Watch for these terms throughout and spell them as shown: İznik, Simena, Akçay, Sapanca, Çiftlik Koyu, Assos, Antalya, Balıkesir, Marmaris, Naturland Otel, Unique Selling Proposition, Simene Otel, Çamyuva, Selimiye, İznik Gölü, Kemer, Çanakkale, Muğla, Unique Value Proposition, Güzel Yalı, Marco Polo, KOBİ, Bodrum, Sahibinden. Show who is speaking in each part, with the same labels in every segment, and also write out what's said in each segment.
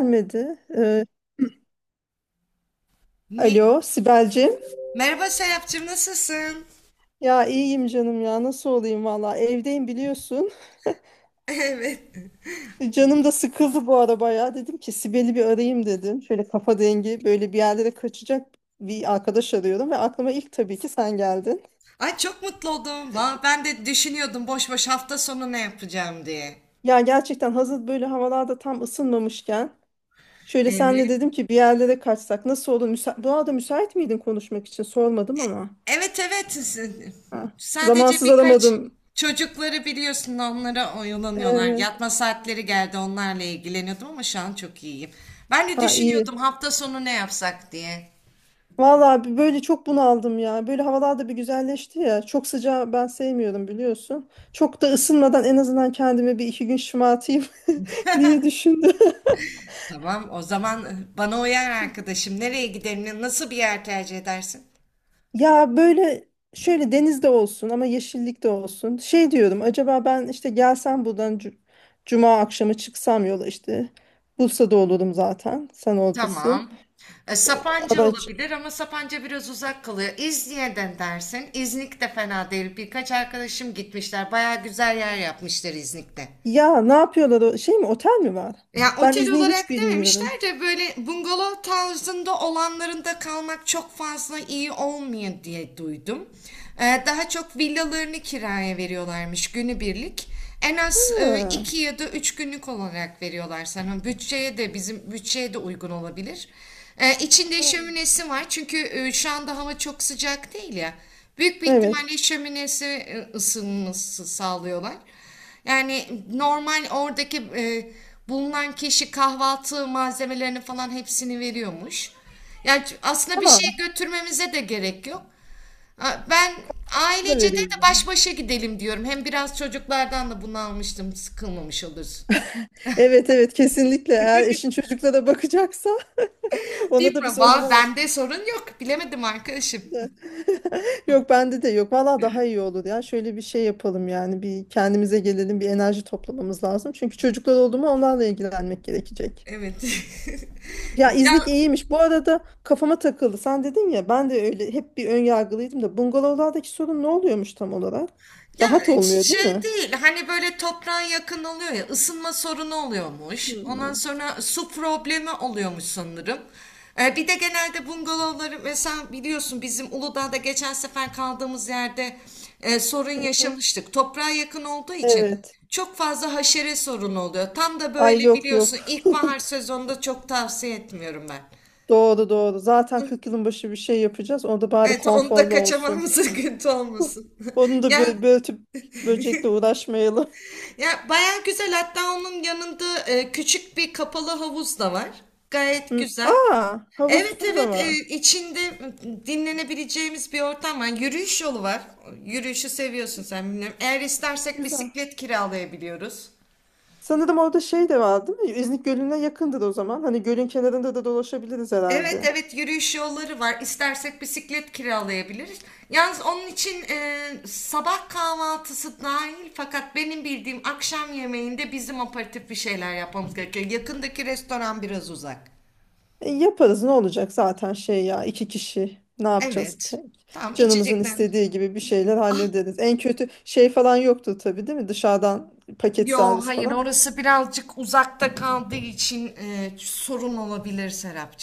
Speaker 1: Gelmedi.
Speaker 2: Niye?
Speaker 1: Alo Sibel'cim.
Speaker 2: Merhaba Serapcığım, nasılsın?
Speaker 1: Ya iyiyim canım, ya nasıl olayım, valla evdeyim biliyorsun.
Speaker 2: Evet.
Speaker 1: Canım da sıkıldı bu ara bayağı. Dedim ki Sibel'i bir arayayım dedim. Şöyle kafa dengi, böyle bir yerlere kaçacak bir arkadaş arıyorum. Ve aklıma ilk tabii ki sen geldin.
Speaker 2: Ay, çok mutlu oldum. Ben de düşünüyordum, boş boş hafta sonu ne yapacağım diye.
Speaker 1: Ya gerçekten, hazır böyle havalarda tam ısınmamışken. Şöyle senle
Speaker 2: Evet.
Speaker 1: dedim ki bir yerlere kaçsak nasıl olur? Bu arada müsait miydin konuşmak için, sormadım ama.
Speaker 2: Evet, evet.
Speaker 1: Ha.
Speaker 2: Sadece
Speaker 1: Zamansız
Speaker 2: birkaç
Speaker 1: aramadım.
Speaker 2: çocukları biliyorsun, onlara oyalanıyorlar.
Speaker 1: Evet.
Speaker 2: Yatma saatleri geldi, onlarla ilgileniyordum ama şu an çok iyiyim. Ben de
Speaker 1: Ha,
Speaker 2: düşünüyordum
Speaker 1: iyi.
Speaker 2: hafta sonu ne yapsak diye.
Speaker 1: Vallahi böyle çok bunaldım ya. Böyle havalar da bir güzelleşti ya. Çok sıcağı ben sevmiyorum biliyorsun. Çok da ısınmadan en azından kendimi bir iki gün şımartayım diye düşündüm.
Speaker 2: Tamam o zaman bana uyar arkadaşım. Nereye gidelim? Nasıl bir yer tercih edersin?
Speaker 1: Ya böyle, şöyle denizde olsun ama yeşillik de olsun. Şey diyorum, acaba ben işte gelsem buradan cuma akşamı çıksam yola işte. Bursa'da olurum zaten. Sen oradasın.
Speaker 2: Tamam. Sapanca
Speaker 1: Araç.
Speaker 2: olabilir ama Sapanca biraz uzak kalıyor. İznik'ten dersin. İznik de fena değil. Birkaç arkadaşım gitmişler. Baya güzel yer yapmışlar İznik'te.
Speaker 1: Ya ne yapıyorlar? Şey mi, otel mi var?
Speaker 2: Ya
Speaker 1: Ben
Speaker 2: otel
Speaker 1: izni hiç
Speaker 2: olarak
Speaker 1: bilmiyorum.
Speaker 2: dememişler de böyle bungalov tarzında olanlarında kalmak çok fazla iyi olmuyor diye duydum. Daha çok villalarını kiraya veriyorlarmış günübirlik. En az
Speaker 1: Ha,
Speaker 2: 2 ya da 3 günlük olarak veriyorlar sana. Bütçeye de bizim bütçeye de uygun olabilir. İçinde şöminesi var çünkü şu anda hava çok sıcak değil ya. Büyük bir
Speaker 1: evet.
Speaker 2: ihtimalle şöminesi, ısınması sağlıyorlar. Yani normal oradaki bulunan kişi kahvaltı malzemelerini falan hepsini veriyormuş. Yani aslında bir şey
Speaker 1: Tamam.
Speaker 2: götürmemize de gerek yok. Ha, ben
Speaker 1: Da
Speaker 2: ailece de
Speaker 1: veriyor
Speaker 2: de
Speaker 1: yani.
Speaker 2: baş başa gidelim diyorum. Hem biraz çocuklardan da bunu almıştım. Sıkılmamış oluruz.
Speaker 1: Evet evet, kesinlikle eğer eşin çocuklara bakacaksa ona
Speaker 2: Değil
Speaker 1: da
Speaker 2: mi?
Speaker 1: biz o zaman onu
Speaker 2: Bende sorun yok. Bilemedim arkadaşım.
Speaker 1: da- yok, bende de yok valla. Daha iyi olur ya. Şöyle bir şey yapalım yani, bir kendimize gelelim, bir enerji toplamamız lazım çünkü çocuklar oldu mu onlarla ilgilenmek gerekecek.
Speaker 2: Evet.
Speaker 1: Ya İznik
Speaker 2: Can,
Speaker 1: iyiymiş. Bu arada kafama takıldı. Sen dedin ya, ben de öyle hep bir ön yargılıydım da, bungalovlardaki sorun ne oluyormuş tam olarak?
Speaker 2: ya
Speaker 1: Daha da olmuyor değil
Speaker 2: şey
Speaker 1: mi?
Speaker 2: değil, hani böyle toprağa yakın oluyor ya, ısınma sorunu oluyormuş. Ondan
Speaker 1: Hmm.
Speaker 2: sonra su problemi oluyormuş sanırım. Bir de genelde bungalovları, mesela biliyorsun bizim Uludağ'da geçen sefer kaldığımız yerde sorun
Speaker 1: Hı hı.
Speaker 2: yaşamıştık. Toprağa yakın olduğu için
Speaker 1: Evet.
Speaker 2: çok fazla haşere sorunu oluyor. Tam da
Speaker 1: Ay
Speaker 2: böyle
Speaker 1: yok yok.
Speaker 2: biliyorsun, ilkbahar sezonunda çok tavsiye etmiyorum ben.
Speaker 1: Doğru doğru. Zaten 40 yılın başı bir şey yapacağız. O da bari
Speaker 2: Evet, onu da
Speaker 1: konforlu olsun.
Speaker 2: kaçamamız sıkıntı olmasın.
Speaker 1: Onu da
Speaker 2: Yani
Speaker 1: böyle börtüp böcekle uğraşmayalım.
Speaker 2: ya, baya güzel. Hatta onun yanında küçük bir kapalı havuz da var. Gayet
Speaker 1: Hı.
Speaker 2: güzel.
Speaker 1: Aa,
Speaker 2: Evet,
Speaker 1: havuzu da
Speaker 2: evet,
Speaker 1: var.
Speaker 2: içinde dinlenebileceğimiz bir ortam var. Yürüyüş yolu var. Yürüyüşü seviyorsun sen, bilmiyorum. Eğer istersek
Speaker 1: Güzel.
Speaker 2: bisiklet kiralayabiliyoruz.
Speaker 1: Sanırım orada şey de var değil mi? İznik Gölü'ne yakındır o zaman. Hani gölün kenarında da dolaşabiliriz
Speaker 2: Evet,
Speaker 1: herhalde.
Speaker 2: evet, yürüyüş yolları var. İstersek bisiklet kiralayabiliriz. Yalnız onun için sabah kahvaltısı dahil fakat benim bildiğim akşam yemeğinde bizim aperatif bir şeyler yapmamız gerekiyor. Yakındaki restoran biraz uzak.
Speaker 1: E, yaparız, ne olacak zaten şey ya, iki kişi. Ne yapacağız
Speaker 2: Evet.
Speaker 1: ki?
Speaker 2: Tamam,
Speaker 1: Canımızın
Speaker 2: içecekler.
Speaker 1: istediği gibi bir şeyler
Speaker 2: Ah
Speaker 1: hallederiz. En kötü şey falan yoktur tabii değil mi? Dışarıdan paket
Speaker 2: yo,
Speaker 1: servis
Speaker 2: hayır,
Speaker 1: falan.
Speaker 2: orası birazcık uzakta kaldığı için sorun olabilir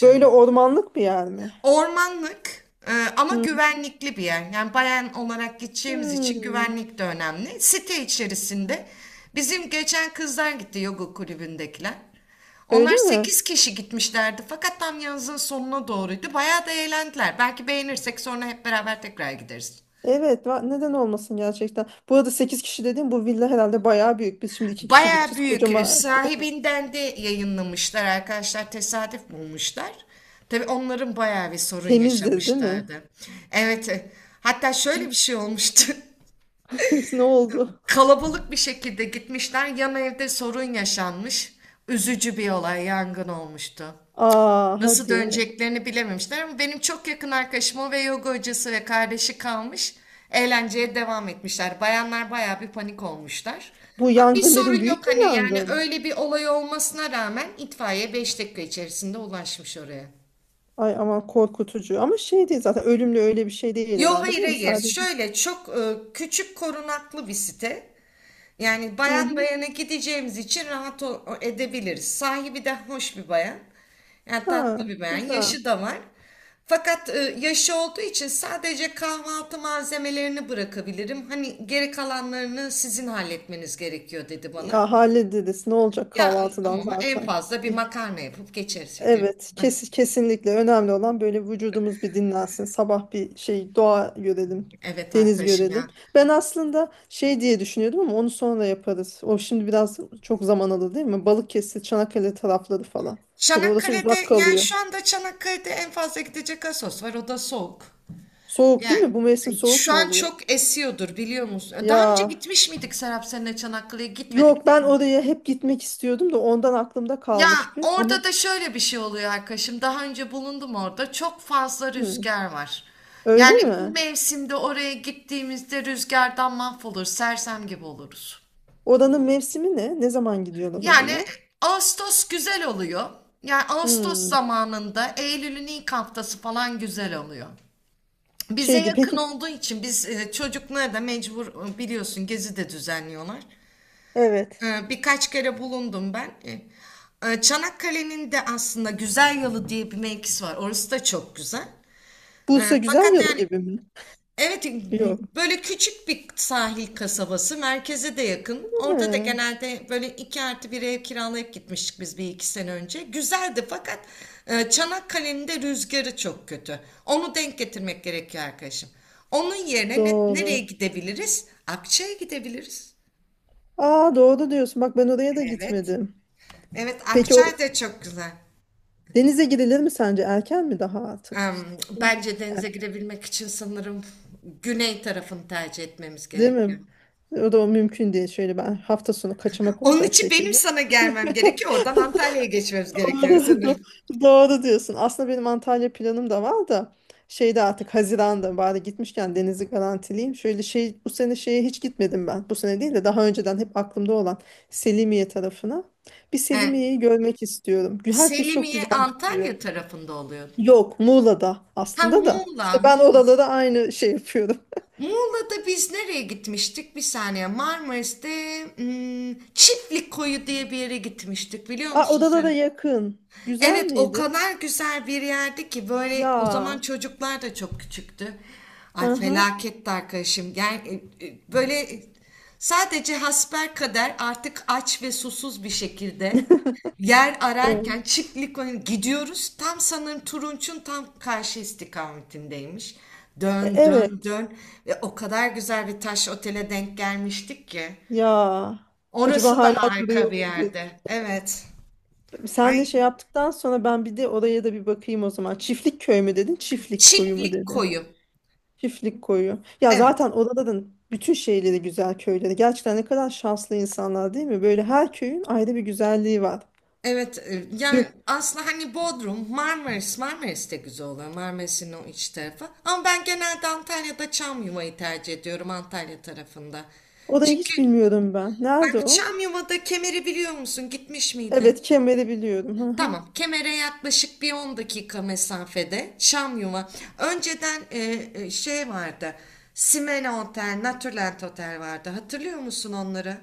Speaker 1: Böyle ormanlık bir yer mi?
Speaker 2: Ormanlık ama
Speaker 1: Hmm.
Speaker 2: güvenlikli bir yer. Yani bayan olarak gideceğimiz için
Speaker 1: Hmm,
Speaker 2: güvenlik de önemli. Site içerisinde bizim geçen kızlar gitti, yoga kulübündekiler.
Speaker 1: öyle
Speaker 2: Onlar
Speaker 1: mi?
Speaker 2: 8 kişi gitmişlerdi fakat tam yazın sonuna doğruydu. Bayağı da eğlendiler. Belki beğenirsek sonra hep beraber tekrar gideriz.
Speaker 1: Evet, neden olmasın gerçekten. Bu arada 8 kişi dediğim bu villa herhalde bayağı büyük. Biz şimdi 2 kişi
Speaker 2: Baya
Speaker 1: gideceğiz.
Speaker 2: büyük.
Speaker 1: Kocaman.
Speaker 2: Sahibinden de yayınlamışlar arkadaşlar. Tesadüf bulmuşlar. Tabii onların bayağı bir sorun
Speaker 1: Temizdir, değil mi?
Speaker 2: yaşamışlardı. Evet. Hatta şöyle bir şey olmuştu.
Speaker 1: Ne oldu?
Speaker 2: Kalabalık bir şekilde gitmişler. Yan evde sorun yaşanmış. Üzücü bir olay, yangın olmuştu.
Speaker 1: Aa,
Speaker 2: Nasıl
Speaker 1: hadi.
Speaker 2: döneceklerini bilememişler ama benim çok yakın arkadaşım o, ve yoga hocası ve kardeşi kalmış. Eğlenceye devam etmişler. Bayanlar bayağı bir panik olmuşlar.
Speaker 1: Bu
Speaker 2: Ama bir
Speaker 1: yangın dedim,
Speaker 2: sorun yok,
Speaker 1: büyük bir
Speaker 2: hani yani
Speaker 1: yangın.
Speaker 2: öyle bir olay olmasına rağmen itfaiye 5 dakika içerisinde ulaşmış oraya.
Speaker 1: Ay aman korkutucu. Ama şey değil zaten, ölümlü öyle bir şey değil
Speaker 2: Yo,
Speaker 1: herhalde
Speaker 2: hayır,
Speaker 1: değil mi
Speaker 2: hayır.
Speaker 1: sadece?
Speaker 2: Şöyle çok küçük korunaklı bir site. Yani
Speaker 1: Hı
Speaker 2: bayan
Speaker 1: hı.
Speaker 2: bayana gideceğimiz için rahat edebiliriz. Sahibi de hoş bir bayan. Yani tatlı
Speaker 1: Ha,
Speaker 2: bir bayan.
Speaker 1: güzel.
Speaker 2: Yaşı da var. Fakat yaşı olduğu için sadece kahvaltı malzemelerini bırakabilirim. Hani geri kalanlarını sizin halletmeniz gerekiyor dedi bana.
Speaker 1: Ya hallederiz. Ne olacak
Speaker 2: Ya,
Speaker 1: kahvaltıdan
Speaker 2: ama en
Speaker 1: zaten?
Speaker 2: fazla bir makarna yapıp geçeriz şekerim.
Speaker 1: Evet, kesinlikle önemli olan böyle vücudumuz bir dinlensin. Sabah bir şey doğa görelim,
Speaker 2: Evet
Speaker 1: deniz
Speaker 2: arkadaşım ya.
Speaker 1: görelim. Ben aslında şey diye düşünüyordum ama onu sonra yaparız. O şimdi biraz çok zaman alır değil mi? Balıkesir, Çanakkale tarafları falan. Tabii orası uzak
Speaker 2: Çanakkale'de, yani
Speaker 1: kalıyor.
Speaker 2: şu anda Çanakkale'de en fazla gidecek Assos var, o da soğuk.
Speaker 1: Soğuk değil
Speaker 2: Yani
Speaker 1: mi? Bu mevsim soğuk
Speaker 2: şu
Speaker 1: mu
Speaker 2: an
Speaker 1: oluyor?
Speaker 2: çok esiyordur, biliyor musun? Daha önce
Speaker 1: Ya
Speaker 2: gitmiş miydik Serap seninle? Çanakkale'ye gitmedik
Speaker 1: yok,
Speaker 2: değil
Speaker 1: ben
Speaker 2: mi?
Speaker 1: oraya hep gitmek istiyordum da ondan aklımda
Speaker 2: Ya
Speaker 1: kalmış bir. Ama
Speaker 2: orada da şöyle bir şey oluyor arkadaşım. Daha önce bulundum orada. Çok fazla
Speaker 1: hı,
Speaker 2: rüzgar var.
Speaker 1: öyle
Speaker 2: Yani bu
Speaker 1: mi?
Speaker 2: mevsimde oraya gittiğimizde rüzgardan mahvolur, sersem gibi oluruz.
Speaker 1: Oranın mevsimi ne? Ne zaman gidiyorlar
Speaker 2: Yani
Speaker 1: oraya?
Speaker 2: Ağustos güzel oluyor. Yani Ağustos
Speaker 1: Hmm,
Speaker 2: zamanında, Eylül'ün ilk haftası falan güzel oluyor. Bize
Speaker 1: şeydi
Speaker 2: yakın
Speaker 1: peki.
Speaker 2: olduğu için biz çocuklara da mecbur, biliyorsun gezi de düzenliyorlar.
Speaker 1: Evet.
Speaker 2: Birkaç kere bulundum ben. Çanakkale'nin de aslında Güzel Yalı diye bir mevkisi var. Orası da çok güzel.
Speaker 1: Bursa güzel
Speaker 2: Fakat
Speaker 1: yalı
Speaker 2: yani
Speaker 1: gibi mi?
Speaker 2: evet,
Speaker 1: Yok.
Speaker 2: böyle küçük bir sahil kasabası. Merkeze de yakın. Orada da
Speaker 1: Ha,
Speaker 2: genelde böyle 2+1 ev kiralayıp gitmiştik biz bir iki sene önce. Güzeldi fakat Çanakkale'nin de rüzgarı çok kötü. Onu denk getirmek gerekiyor arkadaşım. Onun yerine nereye
Speaker 1: doğru.
Speaker 2: gidebiliriz? Akça'ya gidebiliriz.
Speaker 1: Aa, doğru diyorsun. Bak ben oraya da
Speaker 2: Evet.
Speaker 1: gitmedim.
Speaker 2: Evet,
Speaker 1: Peki o
Speaker 2: Akçay da çok güzel.
Speaker 1: denize girilir mi sence? Erken mi daha artık?
Speaker 2: Bence denize
Speaker 1: Erken.
Speaker 2: girebilmek için sanırım güney tarafını tercih etmemiz
Speaker 1: Değil mi?
Speaker 2: gerekiyor.
Speaker 1: O da o mümkün değil. Şöyle ben hafta sonu kaçamak
Speaker 2: Onun
Speaker 1: olacak
Speaker 2: için benim
Speaker 1: şekilde.
Speaker 2: sana gelmem gerekiyor. Oradan Antalya'ya geçmemiz gerekiyor
Speaker 1: Doğru, do-
Speaker 2: sanırım.
Speaker 1: doğru diyorsun. Aslında benim Antalya planım da var da, şeyde artık Haziran'da bari gitmişken denizi garantileyim. Şöyle şey, bu sene şeye hiç gitmedim ben. Bu sene değil de daha önceden hep aklımda olan Selimiye tarafına. Bir
Speaker 2: E,
Speaker 1: Selimiye'yi görmek istiyorum. Herkes çok
Speaker 2: Selimiye
Speaker 1: güzel diyor.
Speaker 2: Antalya tarafında oluyor.
Speaker 1: Yok Muğla'da
Speaker 2: Ha,
Speaker 1: aslında da.
Speaker 2: Muğla,
Speaker 1: İşte ben
Speaker 2: Muğla.
Speaker 1: oralara aynı şey yapıyorum.
Speaker 2: Muğla'da biz nereye gitmiştik? Bir saniye. Marmaris'te, Çiftlik Koyu diye bir yere gitmiştik. Biliyor
Speaker 1: Aa,
Speaker 2: musun
Speaker 1: oralara
Speaker 2: sen?
Speaker 1: yakın. Güzel
Speaker 2: Evet, o
Speaker 1: miydi?
Speaker 2: kadar güzel bir yerdi ki. Böyle, o zaman
Speaker 1: Ya.
Speaker 2: çocuklar da çok küçüktü. Ay,
Speaker 1: Aha.
Speaker 2: felaketti arkadaşım. Yani böyle sadece hasbelkader artık aç ve susuz bir şekilde yer
Speaker 1: Evet.
Speaker 2: ararken gidiyoruz. Tam sanırım Turunç'un tam karşı istikametindeymiş.
Speaker 1: E,
Speaker 2: Dön dön
Speaker 1: evet.
Speaker 2: dön ve o kadar güzel bir taş otele denk gelmiştik ki.
Speaker 1: Ya. Acaba
Speaker 2: Orası da
Speaker 1: hala
Speaker 2: harika
Speaker 1: duruyor
Speaker 2: bir
Speaker 1: mu?
Speaker 2: yerde. Evet. Ay,
Speaker 1: Senle şey yaptıktan sonra ben bir de oraya da bir bakayım o zaman. Çiftlik köy mü dedin? Çiftlik koyu mu
Speaker 2: çiftlik
Speaker 1: dedi?
Speaker 2: koyu.
Speaker 1: Çiftlik koyu. Ya
Speaker 2: Evet.
Speaker 1: zaten oraların bütün şeyleri güzel, köyleri. Gerçekten ne kadar şanslı insanlar değil mi? Böyle her köyün ayrı bir güzelliği var.
Speaker 2: Evet, yani
Speaker 1: Dök-
Speaker 2: aslında hani Bodrum, Marmaris, Marmaris de güzel oluyor. Marmaris'in o iç tarafı. Ama ben genelde Antalya'da Çamyuva'yı tercih ediyorum, Antalya tarafında.
Speaker 1: Orayı
Speaker 2: Çünkü
Speaker 1: hiç bilmiyorum ben. Nerede
Speaker 2: ben
Speaker 1: o?
Speaker 2: Çamyuva'da, Kemer'i biliyor musun? Gitmiş
Speaker 1: Evet,
Speaker 2: miydin?
Speaker 1: Kemer'i biliyorum. Hı hı.
Speaker 2: Tamam, Kemer'e yaklaşık bir 10 dakika mesafede Çamyuva. Önceden şey vardı. Simene Otel, Naturland Otel vardı. Hatırlıyor musun onları?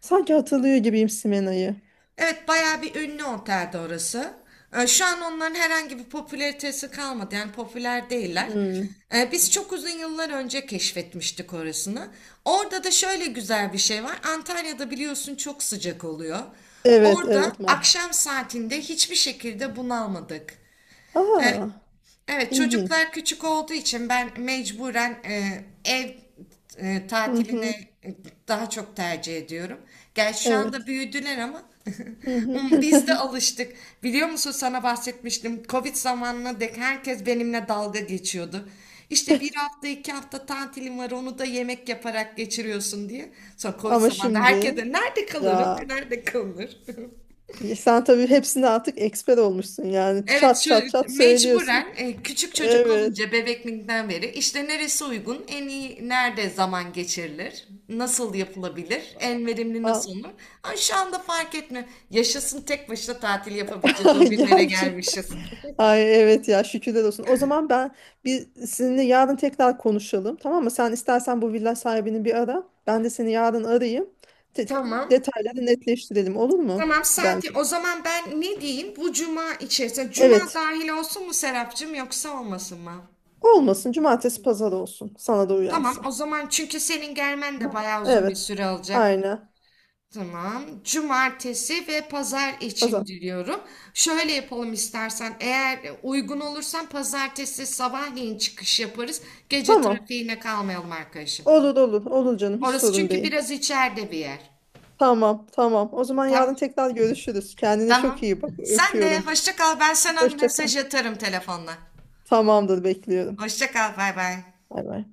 Speaker 1: Sanki hatırlıyor gibiyim Simena'yı.
Speaker 2: Evet, bayağı bir ünlü otelde orası. Şu an onların herhangi bir popülaritesi kalmadı. Yani popüler değiller.
Speaker 1: Hmm.
Speaker 2: Biz çok uzun yıllar önce keşfetmiştik orasını. Orada da şöyle güzel bir şey var. Antalya'da biliyorsun çok sıcak oluyor.
Speaker 1: Evet,
Speaker 2: Orada
Speaker 1: evet. Ma.
Speaker 2: akşam saatinde hiçbir şekilde bunalmadık. Ee,
Speaker 1: Aa,
Speaker 2: Evet, çocuklar
Speaker 1: ilginç.
Speaker 2: küçük olduğu için ben mecburen ev
Speaker 1: Hı hı.
Speaker 2: tatilini e, daha çok tercih ediyorum. Gerçi şu anda
Speaker 1: Evet.
Speaker 2: büyüdüler ama
Speaker 1: Hı hı.
Speaker 2: biz de alıştık. Biliyor musun, sana bahsetmiştim. Covid zamanına dek herkes benimle dalga geçiyordu. İşte bir hafta iki hafta tatilim var, onu da yemek yaparak geçiriyorsun diye. Sonra Covid
Speaker 1: Ama
Speaker 2: zamanında herkes
Speaker 1: şimdi
Speaker 2: de nerede kalırım
Speaker 1: ya.
Speaker 2: nerede kalır.
Speaker 1: Ya sen tabii hepsinde artık eksper olmuşsun, yani
Speaker 2: Evet,
Speaker 1: çat
Speaker 2: şu
Speaker 1: çat çat söylüyorsun.
Speaker 2: mecburen küçük çocuk
Speaker 1: Evet.
Speaker 2: olunca bebekliğinden beri işte neresi uygun, en iyi nerede zaman geçirilir, nasıl yapılabilir, en verimli
Speaker 1: A-
Speaker 2: nasıl olur. Ay, şu anda fark etmiyor. Yaşasın, tek başına tatil yapabileceğiz o
Speaker 1: Ay,
Speaker 2: günlere
Speaker 1: gerçi.
Speaker 2: gelmişiz.
Speaker 1: Ay evet ya, şükürler olsun. O zaman ben bir seninle yarın tekrar konuşalım tamam mı? Sen istersen bu villa sahibini bir ara. Ben de seni yarın arayayım. Te-
Speaker 2: Tamam.
Speaker 1: Detayları netleştirelim olur mu?
Speaker 2: Tamam
Speaker 1: Biz
Speaker 2: saati.
Speaker 1: bence.
Speaker 2: O zaman ben ne diyeyim? Bu cuma içerisinde. Cuma
Speaker 1: Evet.
Speaker 2: dahil olsun mu Serapcığım, yoksa olmasın mı?
Speaker 1: Olmasın, cumartesi pazar olsun. Sana da
Speaker 2: Tamam o
Speaker 1: uyarsa.
Speaker 2: zaman, çünkü senin gelmen de
Speaker 1: Aha.
Speaker 2: bayağı uzun bir
Speaker 1: Evet.
Speaker 2: süre alacak.
Speaker 1: Aynen.
Speaker 2: Tamam. Cumartesi ve pazar için
Speaker 1: Pazar.
Speaker 2: diliyorum. Şöyle yapalım istersen. Eğer uygun olursan pazartesi sabahleyin çıkış yaparız. Gece
Speaker 1: Tamam.
Speaker 2: trafiğine kalmayalım arkadaşım.
Speaker 1: Olur olur. Olur canım, hiç
Speaker 2: Orası
Speaker 1: sorun
Speaker 2: çünkü
Speaker 1: değil.
Speaker 2: biraz içeride bir yer.
Speaker 1: Tamam, tamam. O zaman
Speaker 2: Tamam.
Speaker 1: yarın tekrar görüşürüz. Kendine çok
Speaker 2: Tamam.
Speaker 1: iyi bak.
Speaker 2: Sen de
Speaker 1: Öpüyorum.
Speaker 2: hoşça kal. Ben sana
Speaker 1: Hoşça kal.
Speaker 2: mesaj atarım telefonla.
Speaker 1: Tamamdır, bekliyorum.
Speaker 2: Hoşça kal. Bay bay.
Speaker 1: Bay bay.